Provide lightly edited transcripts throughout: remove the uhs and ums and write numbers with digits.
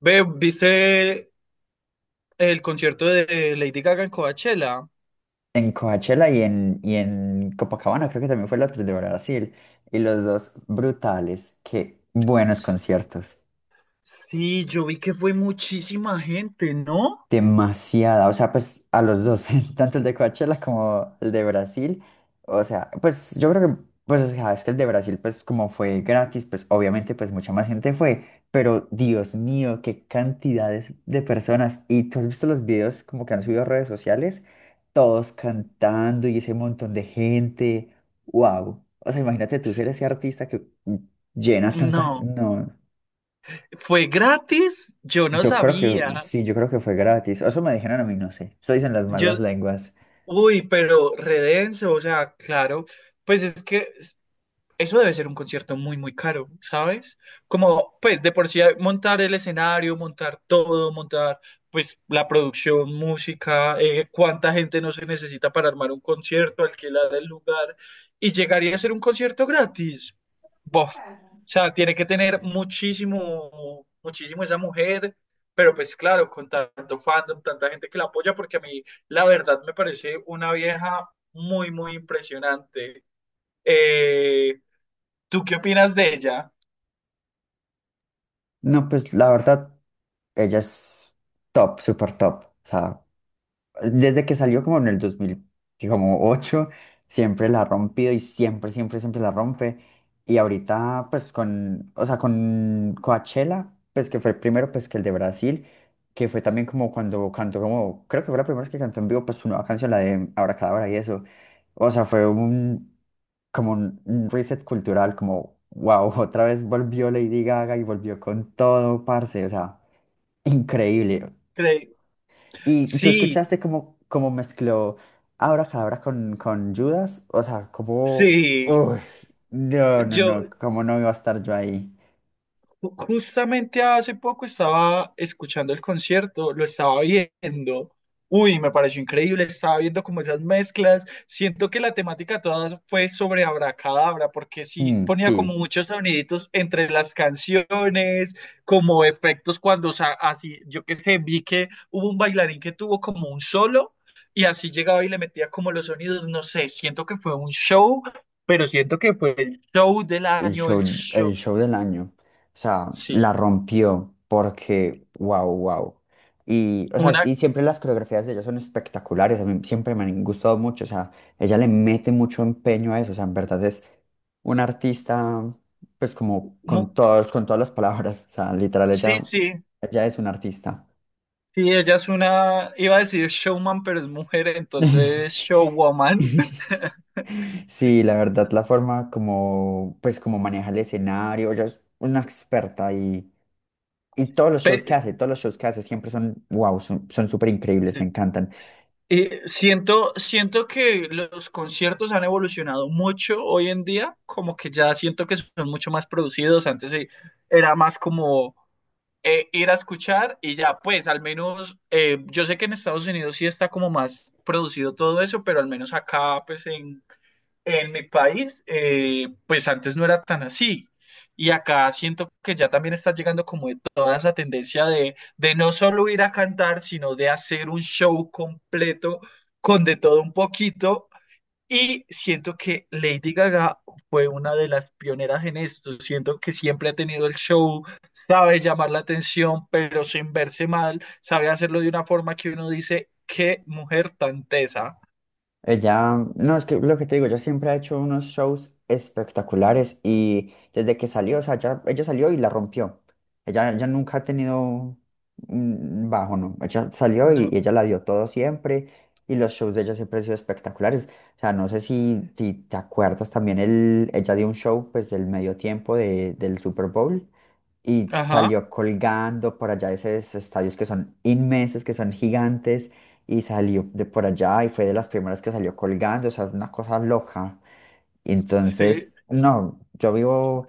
Ve, ¿viste el concierto de Lady Gaga en Coachella? En Coachella y en Copacabana, creo que también fue el otro de Brasil. Y los dos brutales, qué buenos conciertos. Sí, yo vi que fue muchísima gente, ¿no? Demasiada, o sea, pues a los dos, tanto el de Coachella como el de Brasil, o sea, pues yo creo que, pues, o sea, es que el de Brasil, pues como fue gratis, pues obviamente, pues mucha más gente fue, pero Dios mío, qué cantidades de personas, y tú has visto los videos como que han subido a redes sociales, todos cantando y ese montón de gente, wow, o sea, imagínate tú ser ese artista que llena tanta, No, no. fue gratis, yo no Yo creo que sabía. sí, yo creo que fue gratis. Eso me dijeron a mí, no sé. Eso dicen las Yo, malas lenguas. uy, pero redenso, o sea, claro, pues es que eso debe ser un concierto muy, muy caro, ¿sabes? Como, pues, de por sí montar el escenario, montar todo, montar, pues, la producción, música, cuánta gente no se necesita para armar un concierto, alquilar el lugar, y llegaría a ser un concierto gratis. Bof. O sea, tiene que tener muchísimo, muchísimo esa mujer, pero pues claro, con tanto fandom, tanta gente que la apoya, porque a mí, la verdad, me parece una vieja muy, muy impresionante. Eh, ¿Tú qué opinas de ella? No, pues la verdad, ella es top, súper top. O sea, desde que salió como en el 2008 siempre la ha rompido y siempre, siempre, siempre la rompe. Y ahorita, pues con, o sea, con Coachella, pues que fue el primero, pues que el de Brasil, que fue también como cuando cantó como, creo que fue la primera vez que cantó en vivo, pues su nueva canción, la de Abracadabra y eso. O sea, fue un, como un reset cultural, como, wow, otra vez volvió Lady Gaga y volvió con todo, parce, o sea, increíble. Cre- Y tú Sí, escuchaste cómo mezcló Abracadabra con Judas, o sea, como, sí. uy, no, no, no, Yo, cómo no iba a estar yo ahí. Justamente hace poco estaba escuchando el concierto, lo estaba viendo. Uy, me pareció increíble, estaba viendo como esas mezclas. Siento que la temática toda fue sobre Abracadabra, porque sí Mm, ponía como sí. muchos soniditos entre las canciones, como efectos cuando, o sea, así, yo que sé, vi que hubo un bailarín que tuvo como un solo y así llegaba y le metía como los sonidos, no sé, siento que fue un show, pero siento que fue el show del El año, show, el el show, show del año. O sea, la sí. rompió porque, wow, wow. Y, o sea, Una y siempre las coreografías de ella son espectaculares, a mí siempre me han gustado mucho, o sea, ella le mete mucho empeño a eso, o sea, en verdad es una artista, pues como con No, todos, con todas las palabras, o sea, literal, sí, ella, sí, ella es una artista. sí, ella es una, iba a decir showman, pero es mujer, entonces showwoman. Sí, la verdad, la forma como, pues, como maneja el escenario, ella es una experta y todos los shows que Pe- hace, todos los shows que hace siempre son, wow, son súper increíbles, me encantan. Siento, siento que los conciertos han evolucionado mucho hoy en día, como que ya siento que son mucho más producidos. Antes era más como ir a escuchar y ya, pues al menos yo sé que en Estados Unidos sí está como más producido todo eso, pero al menos acá, pues en mi país, pues antes no era tan así. Y acá siento que ya también está llegando como de toda esa tendencia de no solo ir a cantar, sino de hacer un show completo con de todo un poquito. Y siento que Lady Gaga fue una de las pioneras en esto. Siento que siempre ha tenido el show, sabe llamar la atención, pero sin verse mal, sabe hacerlo de una forma que uno dice, qué mujer tan tesa. Ella, no, es que lo que te digo, ella siempre ha hecho unos shows espectaculares y desde que salió, o sea, ya, ella salió y la rompió. Ella, ya nunca ha tenido un bajo, ¿no? Ella salió y, No. y ella la dio todo siempre y los shows de ella siempre han sido espectaculares. O sea, no sé si te acuerdas también, ella dio un show pues del medio tiempo del Super Bowl y Ajá, salió colgando por allá de esos estadios que son inmensos, que son gigantes y salió de por allá y fue de las primeras que salió colgando, o sea, una cosa loca. Y sí, entonces, no,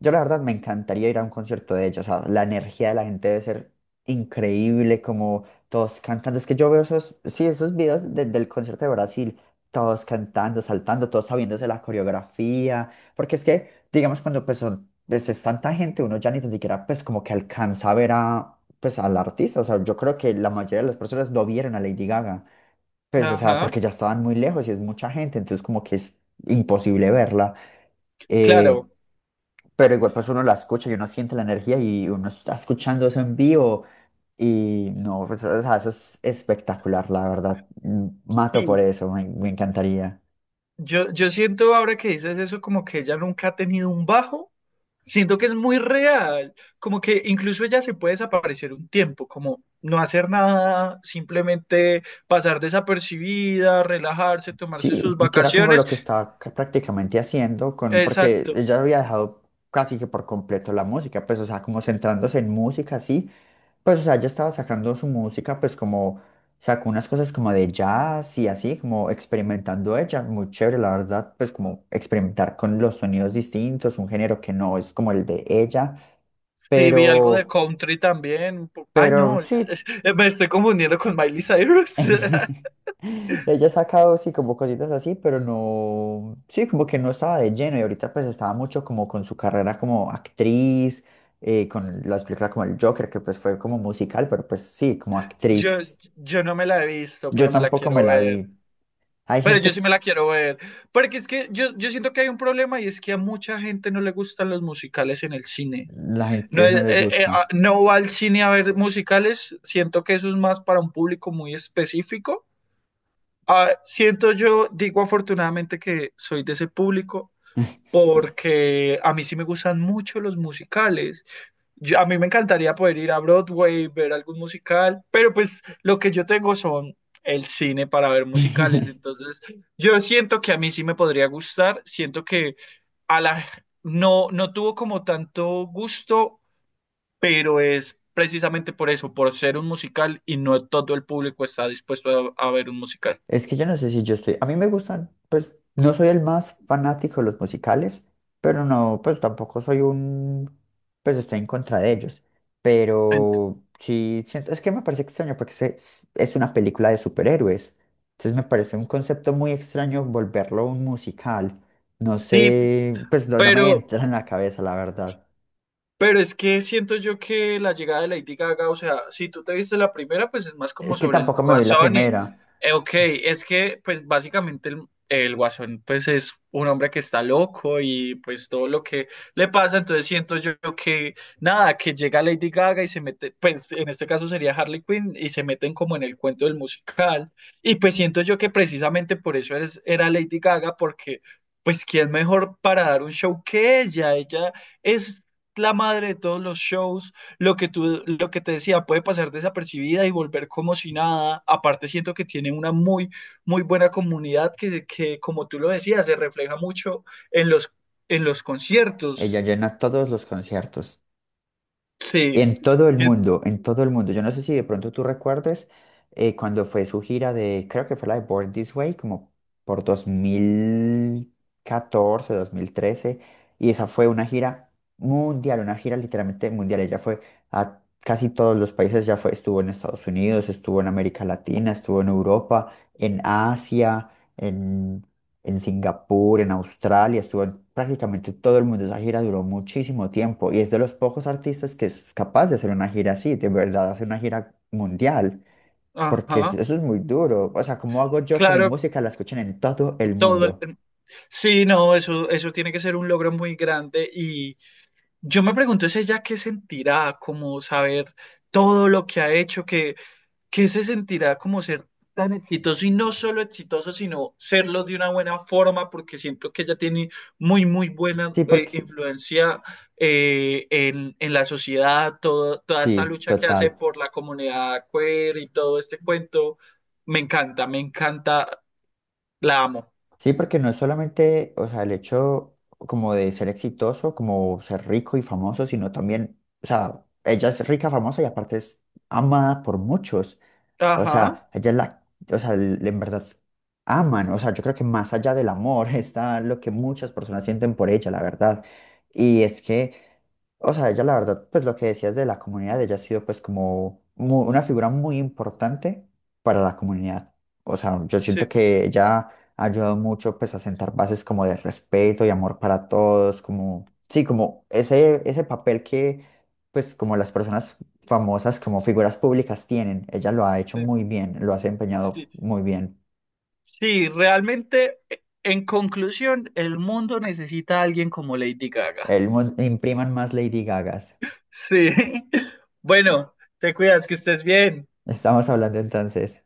yo la verdad me encantaría ir a un concierto de ella, o sea, la energía de la gente debe ser increíble, como todos cantando, es que yo veo esos, sí, esos videos del concierto de Brasil, todos cantando, saltando, todos sabiéndose la coreografía, porque es que, digamos, cuando pues son, pues es tanta gente, uno ya ni tan siquiera pues como que alcanza a ver a pues al artista, o sea, yo creo que la mayoría de las personas no vieron a Lady Gaga. Pues, o sea, ajá. porque ya estaban muy lejos y es mucha gente, entonces como que es imposible verla. eh, Claro, pero igual pues uno la escucha y uno siente la energía y uno está escuchando eso en vivo y no, pues, o sea, eso es espectacular, la verdad. Mato por sí. eso, me encantaría. Yo siento ahora que dices eso como que ella nunca ha tenido un bajo. Siento que es muy real, como que incluso ella se puede desaparecer un tiempo, como no hacer nada, simplemente pasar desapercibida, relajarse, tomarse Sí, sus y que era como vacaciones. lo que estaba prácticamente haciendo con, porque Exacto. ella había dejado casi que por completo la música, pues, o sea, como centrándose en música, sí. Pues, o sea, ella estaba sacando su música, pues como sacó unas cosas como de jazz y así, como experimentando ella, muy chévere, la verdad, pues como experimentar con los sonidos distintos, un género que no es como el de ella, Sí, vi algo de pero, country también. Ay, pero no, sí, me estoy confundiendo con Miley Cyrus. ella ha sacado, sí, como cositas así, pero no, sí, como que no estaba de lleno y ahorita pues estaba mucho como con su carrera como actriz, con las películas como el Joker, que pues fue como musical, pero pues sí, como Yo, actriz. yo no me la he visto, Yo pero me la tampoco me quiero la ver. vi. Hay Pero yo gente. sí me la quiero ver. Porque es que yo siento que hay un problema y es que a mucha gente no le gustan los musicales en el cine. La No, gente no les gusta. No va al cine a ver musicales. Siento que eso es más para un público muy específico. Ah, siento yo, digo afortunadamente que soy de ese público porque a mí sí me gustan mucho los musicales a mí me encantaría poder ir a Broadway, ver algún musical, pero pues lo que yo tengo son el cine para ver musicales, entonces yo siento que a mí sí me podría gustar, siento que a la no tuvo como tanto gusto, pero es precisamente por eso, por ser un musical y no todo el público está dispuesto a ver un musical. Es que yo no sé si yo estoy, a mí me gustan, pues no soy el más fanático de los musicales, pero no, pues tampoco soy un, pues estoy en contra de ellos. Ent- Pero sí, siento, es que me parece extraño porque es una película de superhéroes. Entonces me parece un concepto muy extraño volverlo un musical. No sí, sé, pues no, no me pero entra en la cabeza, la verdad. Pero es que siento yo que la llegada de Lady Gaga, o sea, si tú te viste la primera, pues es más como Es que sobre el tampoco me vi la Guasón y, primera. Ok, es que pues básicamente el Guasón pues es un hombre que está loco y pues todo lo que le pasa, entonces siento yo que nada, que llega Lady Gaga y se mete, pues en este caso sería Harley Quinn y se meten como en el cuento del musical y pues siento yo que precisamente por eso era Lady Gaga porque... Pues, ¿quién mejor para dar un show que ella? Ella es la madre de todos los shows, lo que tú, lo que te decía, puede pasar desapercibida y volver como si nada. Aparte, siento que tiene una muy, muy buena comunidad que, que como tú lo decías, se refleja mucho en los, en los Ella conciertos. llena todos los conciertos. Sí, En todo el Eh, mundo, en todo el mundo. Yo no sé si de pronto tú recuerdes cuando fue su gira de, creo que fue la de Born This Way, como por dos mil catorce, 2013. Y esa fue una gira mundial, una gira literalmente mundial. Ella fue a casi todos los países, ya fue, estuvo en Estados Unidos, estuvo en América Latina, estuvo en Europa, en Asia, en Singapur, en Australia, estuvo en prácticamente todo el mundo. Esa gira duró muchísimo tiempo y es de los pocos artistas que es capaz de hacer una gira así, de verdad, hacer una gira mundial, porque eso, ajá, eso es muy duro. O sea, ¿cómo hago yo que mi claro, música la escuchen en todo el todo el- mundo? sí, no, eso tiene que ser un logro muy grande y yo me pregunto es ella qué sentirá, como saber todo lo que ha hecho, que ¿qué se sentirá como ser tan exitoso y no solo exitoso, sino serlo de una buena forma? Porque siento que ella tiene muy, muy buena Sí, porque, influencia en la sociedad, toda esta sí, lucha que hace total. por la comunidad queer y todo este cuento. Me encanta, la amo. Sí, porque no es solamente, o sea, el hecho como de ser exitoso, como ser rico y famoso, sino también, o sea, ella es rica, famosa y aparte es amada por muchos. O Ajá, sea, ella es la, o sea, en verdad aman, o sea, yo creo que más allá del amor está lo que muchas personas sienten por ella, la verdad. Y es que, o sea, ella la verdad, pues lo que decías de la comunidad, ella ha sido pues como una figura muy importante para la comunidad. O sea, yo siento sí, que ella ha ayudado mucho pues a sentar bases como de respeto y amor para todos, como, sí, como ese, papel que pues como las personas famosas como figuras públicas tienen. Ella lo ha hecho sí, muy bien, lo ha sí, desempeñado muy bien. sí, realmente, en conclusión, el mundo necesita a alguien como Lady Gaga. Impriman más Lady Gagas. Sí. Bueno, te cuidas, que estés bien. Estamos hablando entonces.